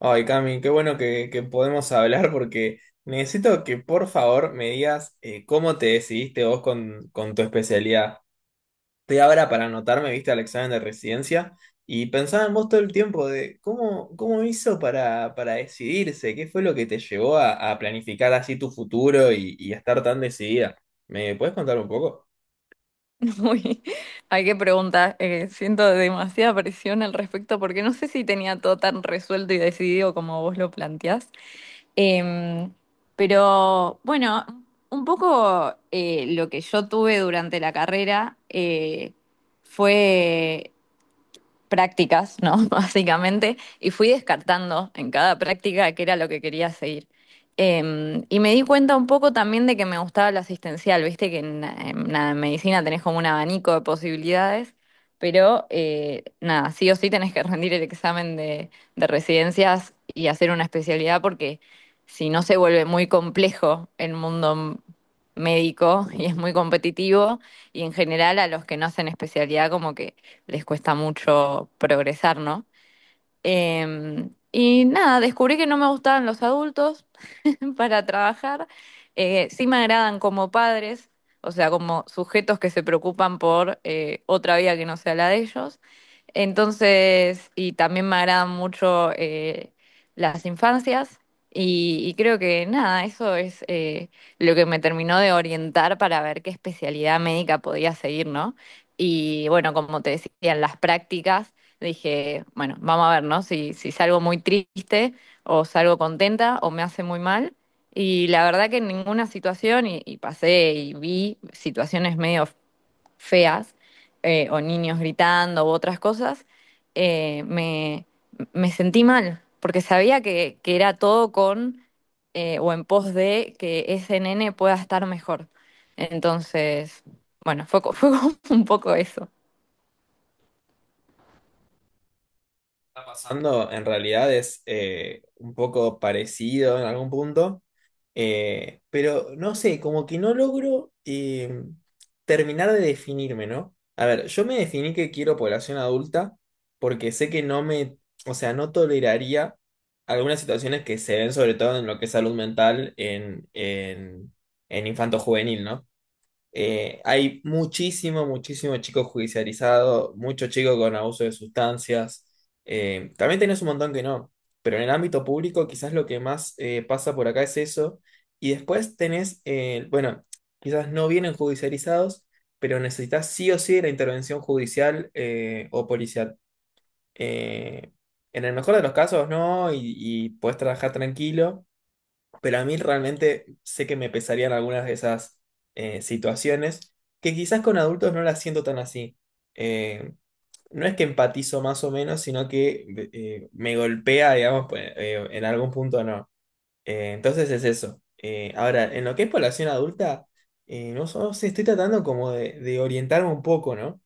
Ay, Cami, qué bueno que podemos hablar porque necesito que por favor me digas cómo te decidiste vos con tu especialidad. Estoy ahora para anotarme, viste, al examen de residencia y pensaba en vos todo el tiempo de cómo hizo para decidirse, qué fue lo que te llevó a planificar así tu futuro y a estar tan decidida. ¿Me puedes contar un poco? Uy, hay que preguntar. Siento demasiada presión al respecto porque no sé si tenía todo tan resuelto y decidido como vos lo planteás. Em, pero bueno, un poco lo que yo tuve durante la carrera fue prácticas, ¿no? Básicamente, y fui descartando en cada práctica qué era lo que quería seguir. Y me di cuenta un poco también de que me gustaba lo asistencial, viste que en la medicina tenés como un abanico de posibilidades, pero nada, sí o sí tenés que rendir el examen de residencias y hacer una especialidad porque si no se vuelve muy complejo el mundo médico y es muy competitivo y en general a los que no hacen especialidad como que les cuesta mucho progresar, ¿no? Y nada, descubrí que no me gustaban los adultos. Para trabajar. Sí me agradan como padres, o sea, como sujetos que se preocupan por otra vida que no sea la de ellos. Entonces, y también me agradan mucho las infancias y creo que nada, eso es lo que me terminó de orientar para ver qué especialidad médica podía seguir, ¿no? Y bueno, como te decía en las prácticas, dije, bueno, vamos a ver, ¿no? Si salgo muy triste o salgo contenta o me hace muy mal. Y la verdad que en ninguna situación, y pasé y vi situaciones medio feas, o niños gritando u otras cosas, eh, me, me sentí mal, porque sabía que era todo con o en pos de que ese nene pueda estar mejor. Entonces, bueno, fue como un poco eso. Está pasando en realidad es un poco parecido en algún punto, pero no sé, como que no logro terminar de definirme, ¿no? A ver, yo me definí que quiero población adulta porque sé que o sea, no toleraría algunas situaciones que se ven sobre todo en lo que es salud mental en infanto juvenil, ¿no? Hay muchísimo chico judicializado, mucho chico con abuso de sustancias. También tenés un montón que no, pero en el ámbito público quizás lo que más pasa por acá es eso. Y después tenés, bueno, quizás no vienen judicializados, pero necesitas sí o sí de la intervención judicial o policial. Eh, en el mejor de los casos no, y podés trabajar tranquilo, pero a mí realmente sé que me pesarían algunas de esas situaciones que quizás con adultos no las siento tan así. Eh, no es que empatizo más o menos, sino que me golpea, digamos, pues, en algún punto no. Entonces es eso. Ahora, en lo que es población adulta, no, no sé, estoy tratando como de orientarme un poco, ¿no?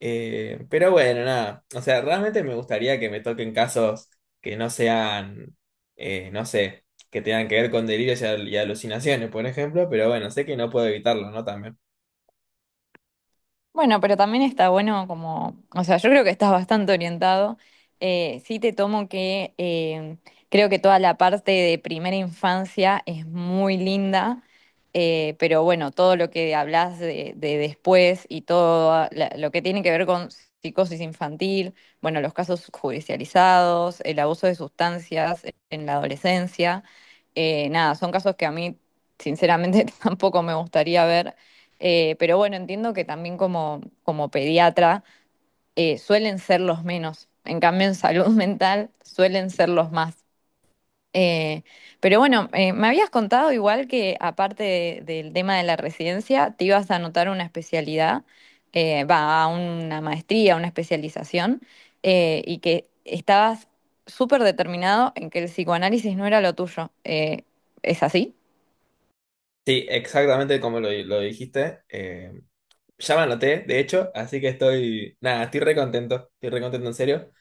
Pero bueno, nada. O sea, realmente me gustaría que me toquen casos que no sean, no sé, que tengan que ver con delirios y alucinaciones, por ejemplo, pero bueno, sé que no puedo evitarlo, ¿no? También. Bueno, pero también está bueno como, o sea, yo creo que estás bastante orientado. Sí te tomo que creo que toda la parte de primera infancia es muy linda, pero bueno, todo lo que hablas de después y todo lo que tiene que ver con psicosis infantil, bueno, los casos judicializados, el abuso de sustancias en la adolescencia, nada, son casos que a mí sinceramente tampoco me gustaría ver. Pero bueno, entiendo que también como, como pediatra suelen ser los menos. En cambio, en salud mental suelen ser los más. Eh, pero bueno, me habías contado igual que aparte del tema de la residencia, te ibas a anotar una especialidad, va, a una maestría, una especialización, y que estabas súper determinado en que el psicoanálisis no era lo tuyo. ¿Es así? Sí, exactamente como lo dijiste. Eh, ya me anoté, de hecho, así que estoy, nada, estoy re contento en serio.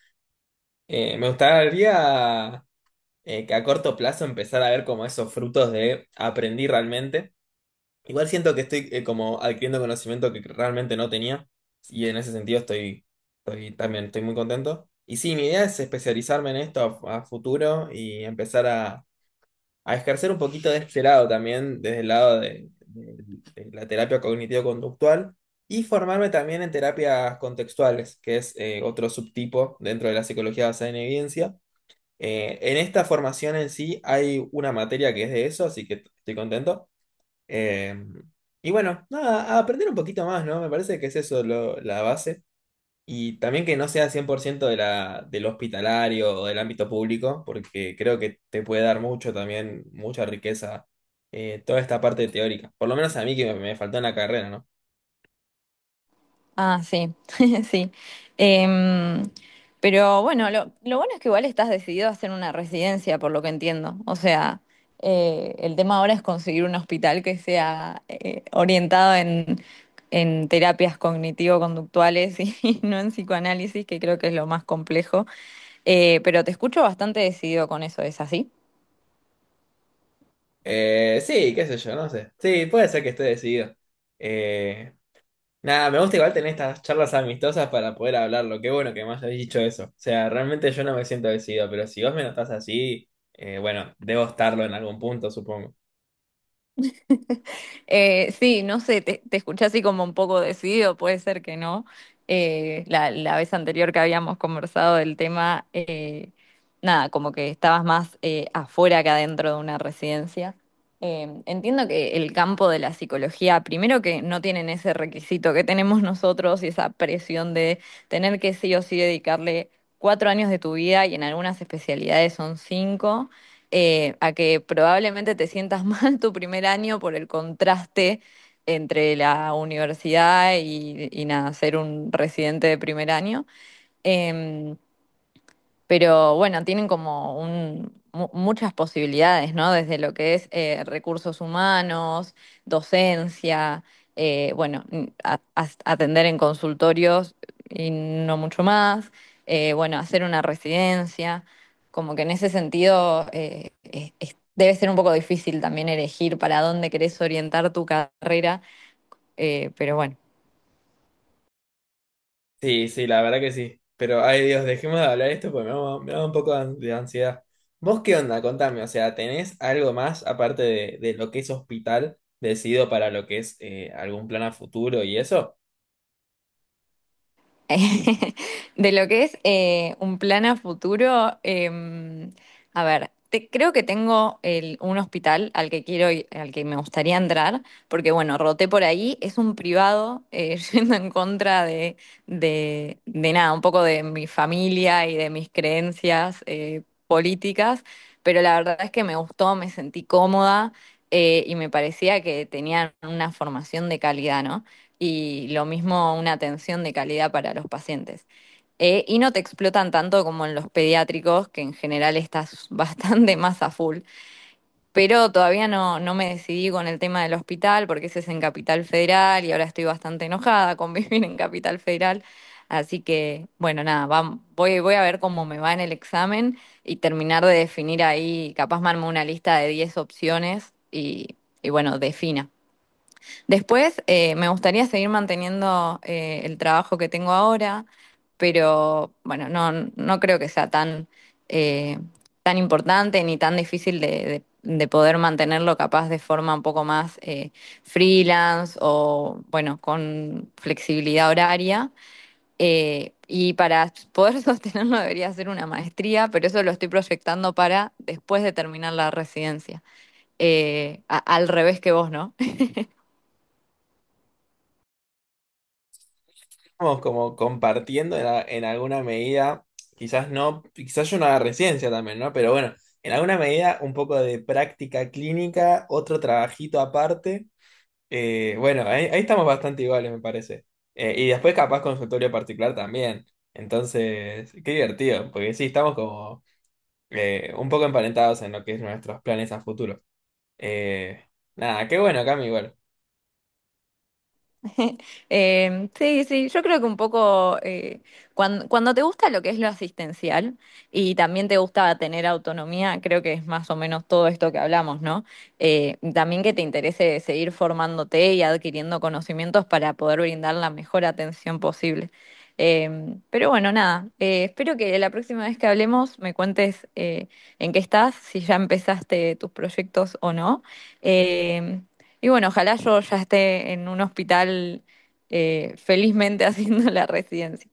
Me gustaría que a corto plazo empezar a ver como esos frutos de aprendí realmente. Igual siento que estoy como adquiriendo conocimiento que realmente no tenía y en ese sentido estoy muy contento. Y sí, mi idea es especializarme en esto a futuro y empezar a ejercer un poquito de este lado también, desde el lado de la terapia cognitivo-conductual. Y formarme también en terapias contextuales, que es otro subtipo dentro de la psicología basada en evidencia, en esta formación en sí hay una materia que es de eso, así que estoy contento. Eh, y bueno, nada, a aprender un poquito más, ¿no? Me parece que es eso lo- la base. Y también que no sea 100% del hospitalario o del ámbito público, porque creo que te puede dar mucho también, mucha riqueza, toda esta parte teórica. Por lo menos a mí que me faltó en la carrera, ¿no? Ah, sí, sí. Em, pero bueno, lo bueno es que igual estás decidido a hacer una residencia, por lo que entiendo. O sea, el tema ahora es conseguir un hospital que sea orientado en terapias cognitivo-conductuales y y no en psicoanálisis, que creo que es lo más complejo. Pero te escucho bastante decidido con eso, ¿es así? Sí, qué sé yo, no sé. Sí, puede ser que esté decidido. Eh, Nada, me gusta igual tener estas charlas amistosas para poder hablarlo. Qué bueno que me hayas dicho eso. O sea, realmente yo no me siento decidido, pero si vos me notás así, bueno, debo estarlo en algún punto, supongo. Sí, no sé, te escuché así como un poco decidido, puede ser que no. La vez anterior que habíamos conversado del tema, nada, como que estabas más afuera que adentro de una residencia. Entiendo que el campo de la psicología, primero que no tienen ese requisito que tenemos nosotros y esa presión de tener que sí o sí dedicarle 4 años de tu vida y en algunas especialidades son 5 a que probablemente te sientas mal tu primer año por el contraste entre la universidad y nada, ser un residente de primer año. Em, pero bueno, tienen como un, muchas posibilidades, ¿no? Desde lo que es recursos humanos, docencia, bueno, atender en consultorios y no mucho más, bueno, hacer una residencia, como que en ese sentido debe ser un poco difícil también elegir para dónde querés orientar tu carrera, pero bueno. Sí, sí, la verdad que sí. Pero, ay Dios, dejemos de hablar esto porque me da un poco de de ansiedad. ¿Vos qué onda? Contame, o sea, ¿tenés algo más aparte de lo que es hospital decidido para lo que es algún plan a futuro y eso? De lo que es un plan a futuro, em, a ver, creo que tengo un hospital al que quiero al que me gustaría entrar, porque bueno, roté por ahí, es un privado, yendo en contra de, de nada, un poco de mi familia y de mis creencias políticas, pero la verdad es que me gustó, me sentí cómoda y me parecía que tenían una formación de calidad, ¿no? Y lo mismo una atención de calidad para los pacientes. Y no te explotan tanto como en los pediátricos, que en general estás bastante más a full. Pero todavía no me decidí con el tema del hospital, porque ese es en Capital Federal y ahora estoy bastante enojada con vivir en Capital Federal. Así que, bueno, nada, voy a ver cómo me va en el examen y terminar de definir ahí, capaz me armo una lista de 10 opciones y bueno, defina. Después, me gustaría seguir manteniendo el trabajo que tengo ahora, pero bueno, no creo que sea tan, eh, tan importante ni tan difícil de, de poder mantenerlo capaz de forma un poco más freelance o bueno, con flexibilidad horaria. Y para poder sostenerlo debería ser una maestría, pero eso lo estoy proyectando para después de terminar la residencia. Al revés que vos, ¿no? Estamos como compartiendo en alguna medida, quizás no, quizás yo no haga residencia también, ¿no? Pero bueno, en alguna medida un poco de práctica clínica, otro trabajito aparte. Bueno, ahí estamos bastante iguales, me parece. Y después capaz consultorio particular también. Entonces, qué divertido, porque sí, estamos como un poco emparentados en lo que es nuestros planes a futuro. Eh, nada, qué bueno, Cami, igual. Sí, sí, yo creo que un poco cuando te gusta lo que es lo asistencial y también te gusta tener autonomía, creo que es más o menos todo esto que hablamos, ¿no? También que te interese seguir formándote y adquiriendo conocimientos para poder brindar la mejor atención posible. Em, pero bueno, nada, espero que la próxima vez que hablemos me cuentes en qué estás, si ya empezaste tus proyectos o no. Em, y bueno, ojalá yo ya esté en un hospital felizmente haciendo la residencia.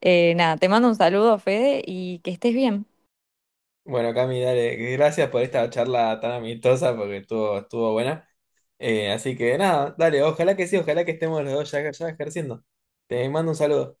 Nada, te mando un saludo, Fede, y que estés bien. Bueno, Cami, dale, gracias por esta charla tan amistosa porque estuvo buena. Así que nada, dale, ojalá que sí, ojalá que estemos los dos ya ejerciendo. Te mando un saludo.